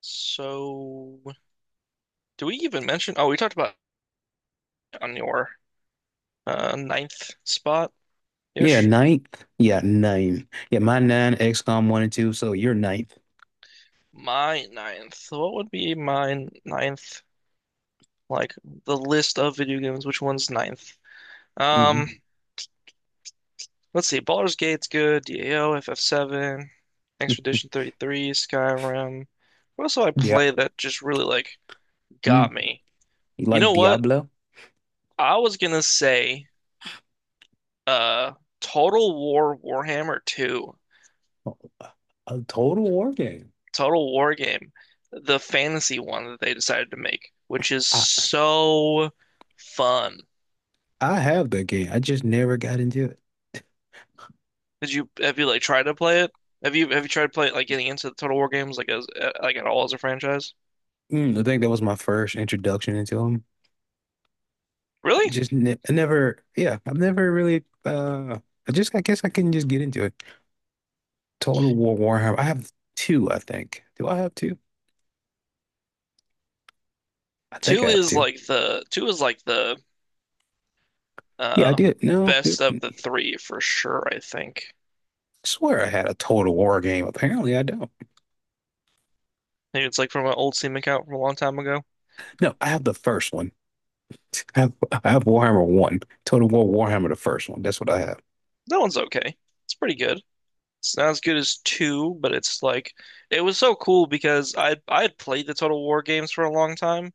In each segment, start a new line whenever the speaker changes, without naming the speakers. So, do we even mention? Oh, we talked about on your ninth spot
Yeah,
ish.
ninth. Yeah, nine. Yeah, my nine, XCOM one and two. So you're ninth.
My ninth. So what would be my ninth? Like the list of video games. Which one's ninth?
Hmm.
Um, let's see. Baldur's Gate's good. DAO, FF7, Expedition 33, Skyrim. What else did I
Yeah.
play that just really like
Mm.
got me?
You
You
like
know what?
Diablo?
I was gonna say, uh, Total War Warhammer 2.
A Total War game.
Total War game, the fantasy one that they decided to make, which is
I
so fun.
I have that game. I just never got into it.
Did you have you like tried to play it? Have you tried to play it like getting into the Total War games like as like at all as a franchise?
I think that was my first introduction into them. I
Really?
just ne I never, yeah, I've never really. I just, I guess I couldn't just get into it. Total War Warhammer. I have two, I think. Do I have two? I think I have two.
Two is like the
Yeah, I
uh
did. No, dude,
best of
I
the three for sure, I think.
swear I had a Total War game. Apparently, I don't.
Maybe it's like from an old Steam account from a long time ago.
No, I have the first one. I have, I have Warhammer 1. Total War Warhammer, the first one. That's what I have.
That one's okay. It's pretty good. It's not as good as two, but it's like it was so cool because I'd played the Total War games for a long time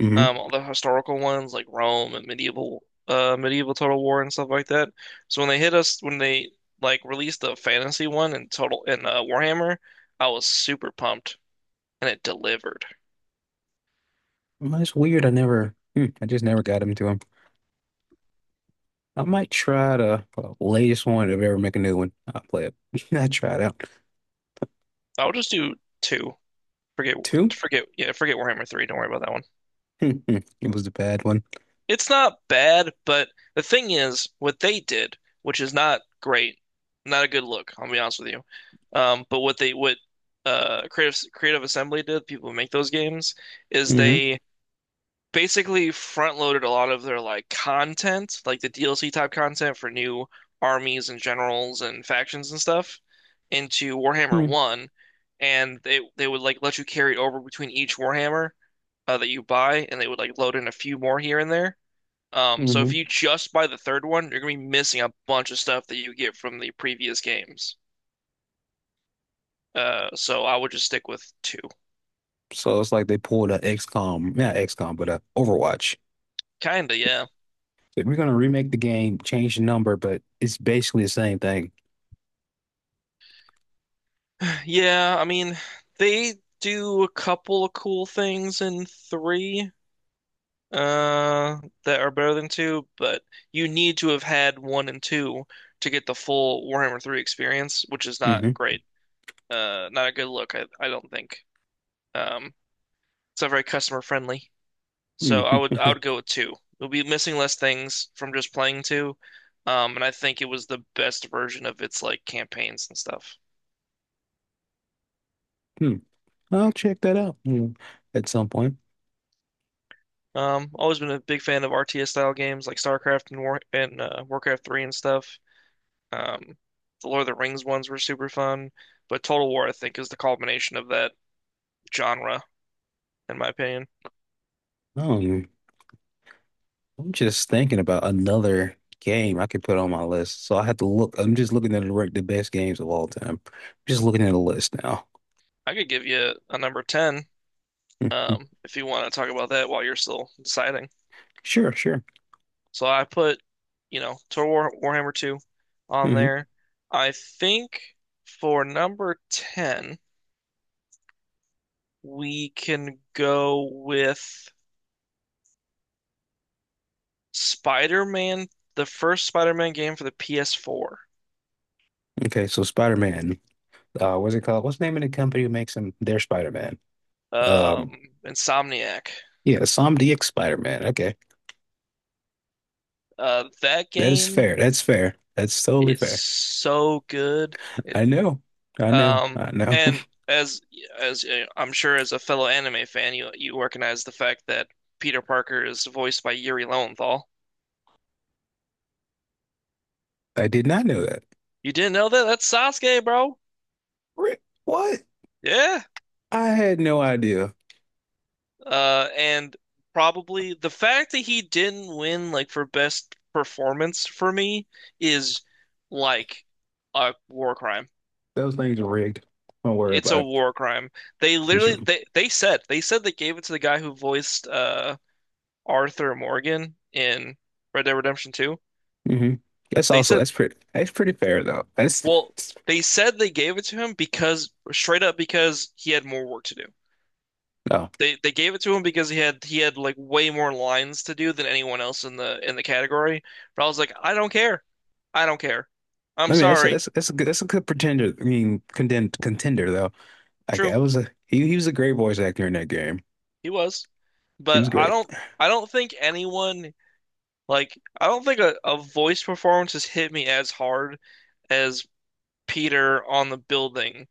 Hmm.
all the historical ones like Rome and medieval medieval Total War and stuff like that. So when they like released the fantasy one in Warhammer, I was super pumped and it delivered.
It's weird. I never, I just never got into them. I might try the latest one if I ever make a new one. I'll play it. I tried out.
I'll just do two. Forget
Two?
forget Warhammer 3. Don't worry about that one.
Hmm, hmm. It was the bad one.
It's not bad, but the thing is what they did, which is not great, not a good look, I'll be honest with you. But what they what Creative Assembly did, people who make those games, is
Mm-hmm.
they basically front loaded a lot of their like content, like the DLC type content for new armies and generals and factions and stuff into Warhammer
Hmm.
1, and they would like let you carry it over between each Warhammer that you buy, and they would like load in a few more here and there. So if
Mm-hmm.
you just buy the third one, you're gonna be missing a bunch of stuff that you get from the previous games. So I would just stick with two.
So it's like they pulled a XCOM, not XCOM, but a Overwatch.
Kinda, yeah.
Like, we're gonna remake the game, change the number, but it's basically the same thing.
Yeah, I mean, they do a couple of cool things in three, uh, that are better than two, but you need to have had one and two to get the full Warhammer 3 experience, which is not
Hmm.
great. Not a good look, I don't think. Um, it's not very customer friendly. So
Hmm.
I would go with two. You'll be missing less things from just playing two. And I think it was the best version of its like campaigns and stuff.
I'll check that out at some point.
Always been a big fan of RTS style games like StarCraft and War and Warcraft 3 and stuff. Um, the Lord of the Rings ones were super fun, but Total War I think is the culmination of that genre, in my opinion.
Oh, I'm just thinking about another game I could put on my list. So I have to look. I'm just looking at the rank the best games of all time. Just looking at a list now.
I could give you a number 10,
Mhm.
if you want to talk about that while you're still deciding.
Sure, sure.
So I put, you know, Total War Warhammer 2 on
hmm
there. I think for number 10, we can go with Spider-Man, the first Spider-Man game for the PS4,
Okay, so Spider-Man. What's it called? What's the name of the company who makes him their Spider-Man?
um,
Um,
Insomniac.
yeah, Insomniac Spider-Man. Okay,
That
that is
game
fair. That's fair. That's totally
is
fair.
so good. It
I know. I know. I know.
and as I'm sure as a fellow anime fan, you recognize the fact that Peter Parker is voiced by Yuri Lowenthal.
I did not know that.
You didn't know that? That's Sasuke, bro.
Ri- What?
Yeah.
I had no idea.
And probably the fact that he didn't win like for best performance for me is like a war crime.
Those things are rigged. Don't worry
It's
about
a
it.
war crime. They
It's r-
literally they said they gave it to the guy who voiced Arthur Morgan in Red Dead Redemption 2.
hmm That's
They
also,
said
that's pretty fair though. That's,
well
that's
they said they gave it to him because straight up because he had more work to do.
no.
They gave it to him because he had like way more lines to do than anyone else in the category. But I was like, I don't care. I don't care. I'm
I mean that's
sorry.
that's that's a good that's a good pretender. I mean contender though. Like,
True,
that was he was a great voice actor in that game.
he was.
He
But
was great.
I don't think anyone like I don't think a voice performance has hit me as hard as Peter on the building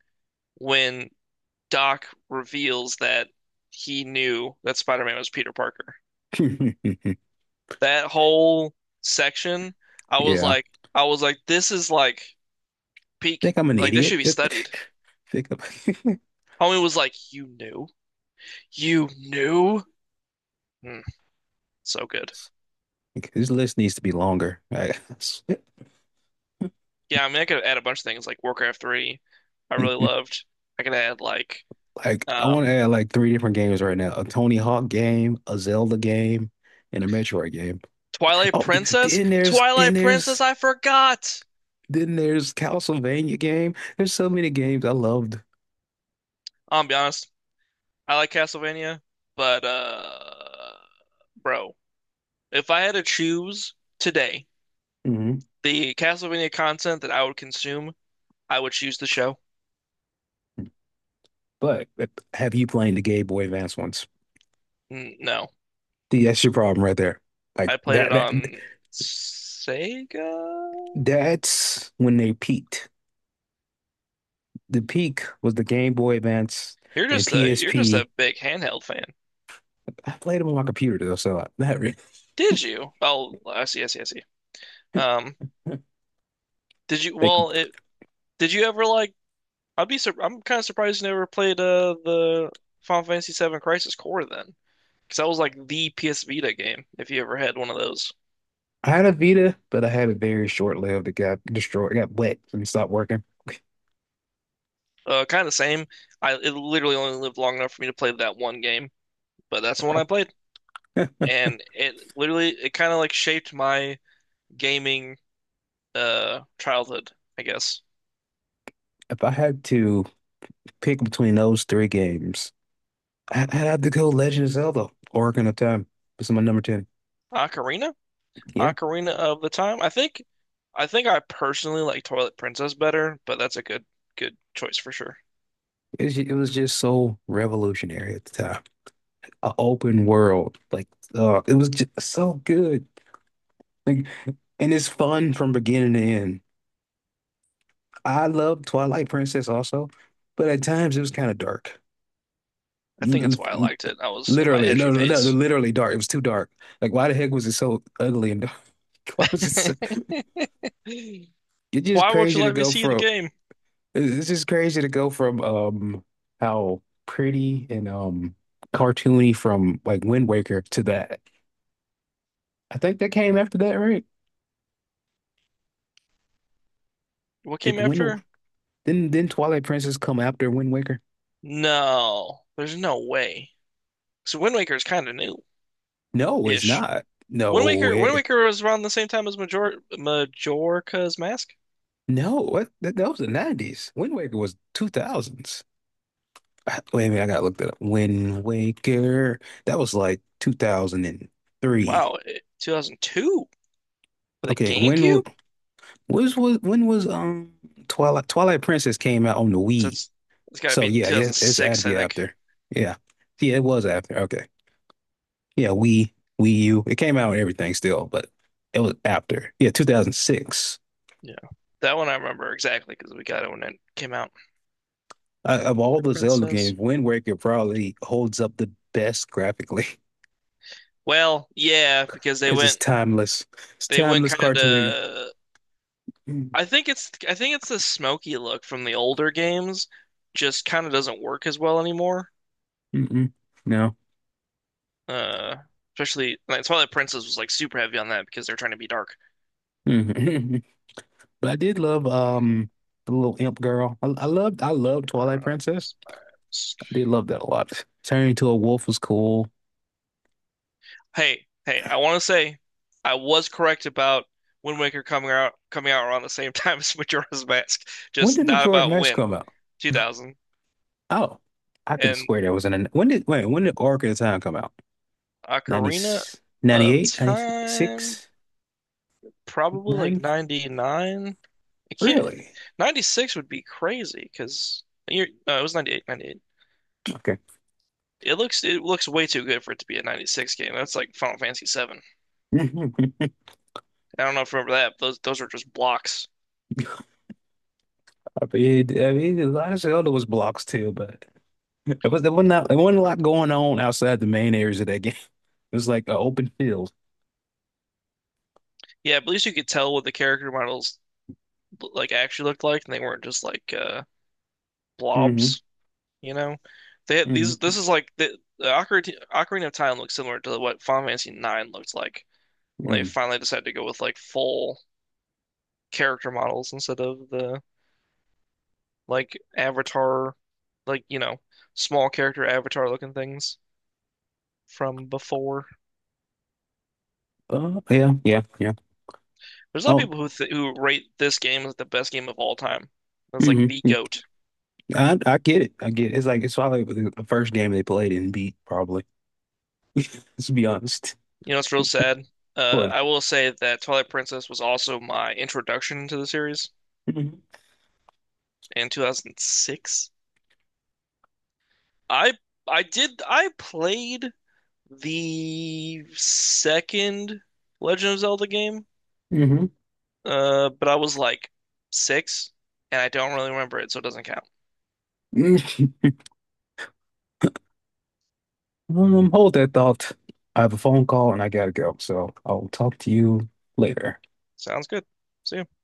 when Doc reveals that he knew that Spider-Man was Peter Parker. That whole section, I was
Yeah.
like I was like, this is like peak.
Think I'm an
Like this
idiot.
should be studied.
Think I'm,
Homie was like, "You knew, you knew." Mm, so good.
this list needs to be longer. I-
Yeah, I mean, I could add a bunch of things like Warcraft 3, I really loved. I could add like
Like, I want
um,
to add like three different games right now: a Tony Hawk game, a Zelda game, and a Metroid game.
Twilight
Oh, th-
Princess.
then there's then
Twilight Princess,
there's
I forgot.
Then there's Castlevania game. There's so many games I loved.
I'll be honest, I like Castlevania, but bro, if I had to choose today
Hmm.
the Castlevania content that I would consume, I would choose the show.
But have you played the Game Boy Advance ones?
No,
See, that's your problem right there. Like,
I played it
that, that
on Sega.
that's when they peaked. The peak was the Game Boy Advance
You're
and
just a
PSP.
big handheld fan.
I played them on my computer though, so not really.
Did you? Oh, I see, I see. Um, did you?
Like,
Well, it Did you ever like? I'm kind of surprised you never played the Final Fantasy VII Crisis Core then, because that was like the PS Vita game if you ever had one of those.
I had a Vita, but I had a very short lived. It got destroyed, it got wet and stopped working.
Kind of the same. I It literally only lived long enough for me to play that one game, but that's the one I played, and it literally it kind of like shaped my gaming childhood, I guess.
If I had to pick between those three games, I had to go Legend of Zelda, Ocarina of Time. It's my number 10.
Ocarina?
Yeah,
Ocarina of the Time. I think I personally like Twilight Princess better, but that's a good choice for sure.
it was just so revolutionary at the time. A open world, like it was just so good. Like, and it's fun from beginning to end. I love Twilight Princess also, but at times it was kind of dark.
I think
L-
that's why I
l-
liked it. I was in my
Literally,
edgy
no, no, no,
phase.
literally dark. It was too dark. Like, why the heck was it so ugly and dark? Why was it so? It's just
Why won't you
crazy to
let me
go
see the
from
game?
it's just crazy to go from how pretty and cartoony from like Wind Waker to that. I think that came after that, right?
What came
Did Wind
after?
didn't Twilight Princess come after Wind Waker?
No, there's no way. So Wind Waker is kind of new
No, it's
ish.
not. No
Wind
way.
Waker was around the same time as Majorca's Mask.
No, that was the 90s. Wind Waker was 2000s. Ah, wait a minute, I gotta look that up. Wind Waker. That was like 2003.
2002 for the
Okay,
GameCube?
when was Twilight Princess came out on the
So
Wii?
it's got to
So
be
yeah, it's had to
2006, I
be
think.
after. Yeah. Yeah, it was after. Okay. Yeah, Wii, Wii U, it came out and everything still, but it was after. Yeah, 2006.
Yeah. That one I remember exactly because we got it when it came out.
I, of all
The
the Zelda
Princess.
games, Wind Waker probably holds up the best graphically
Well, yeah, because they
because it's
went
timeless. It's
they went
timeless
kind
cartooning.
of
Mm.
I think it's the smoky look from the older games just kind of doesn't work as well anymore.
Mm-mm. No.
Uh Especially like Twilight Princess was like super heavy on that because they're trying to be dark.
Mm-mm. But I did love the little imp girl. I loved Twilight Princess.
Rise Mask.
I did love that a lot. Turning into a wolf was cool.
Hey, I want to say I was correct about Wind Waker coming out around the same time as Majora's Mask,
When
just
did
not
Majora's
about
Mask
when.
come out?
2000.
Oh, I can
And
swear there was an when did Orc of the Time come out? 90,
Ocarina of Time, probably like
9?
99. I can't,
Really?
96 would be crazy because no, it was 98, 98.
Okay.
It looks way too good for it to be a 96 game. That's like Final Fantasy 7.
I
I don't know if you remember that, but those were just blocks.
mean, a lot of Zelda was blocks too, but it was there wasn't that, there wasn't a lot going on outside the main areas of that game. It was like an open field.
Yeah, but at least you could tell what the character models like actually looked like and they weren't just like
Hmm.
blobs, you know? They had these
Hmm.
this is like the Ocarina of Time looks similar to what Final Fantasy 9 looked like, when they
Mm.
finally decided to go with like full character models instead of the like avatar, like you know, small character avatar looking things from before.
Oh yeah, yeah, yeah.
There's a lot of
Oh,
people who th who rate this game as the best game of all time. It's like
hmm
the GOAT.
I get it. I get it. It's like it's probably the first game they played and beat, probably. Let's be honest.
You know, it's real sad.
What?
I will say that Twilight Princess was also my introduction to the series
Hmm.
in 2006. I I played the second Legend of Zelda game.
Hmm.
But I was like six, and I don't really remember it, so it doesn't count.
Hold that thought. I have a phone call and I gotta go, so I'll talk to you later.
Sounds good. See ya.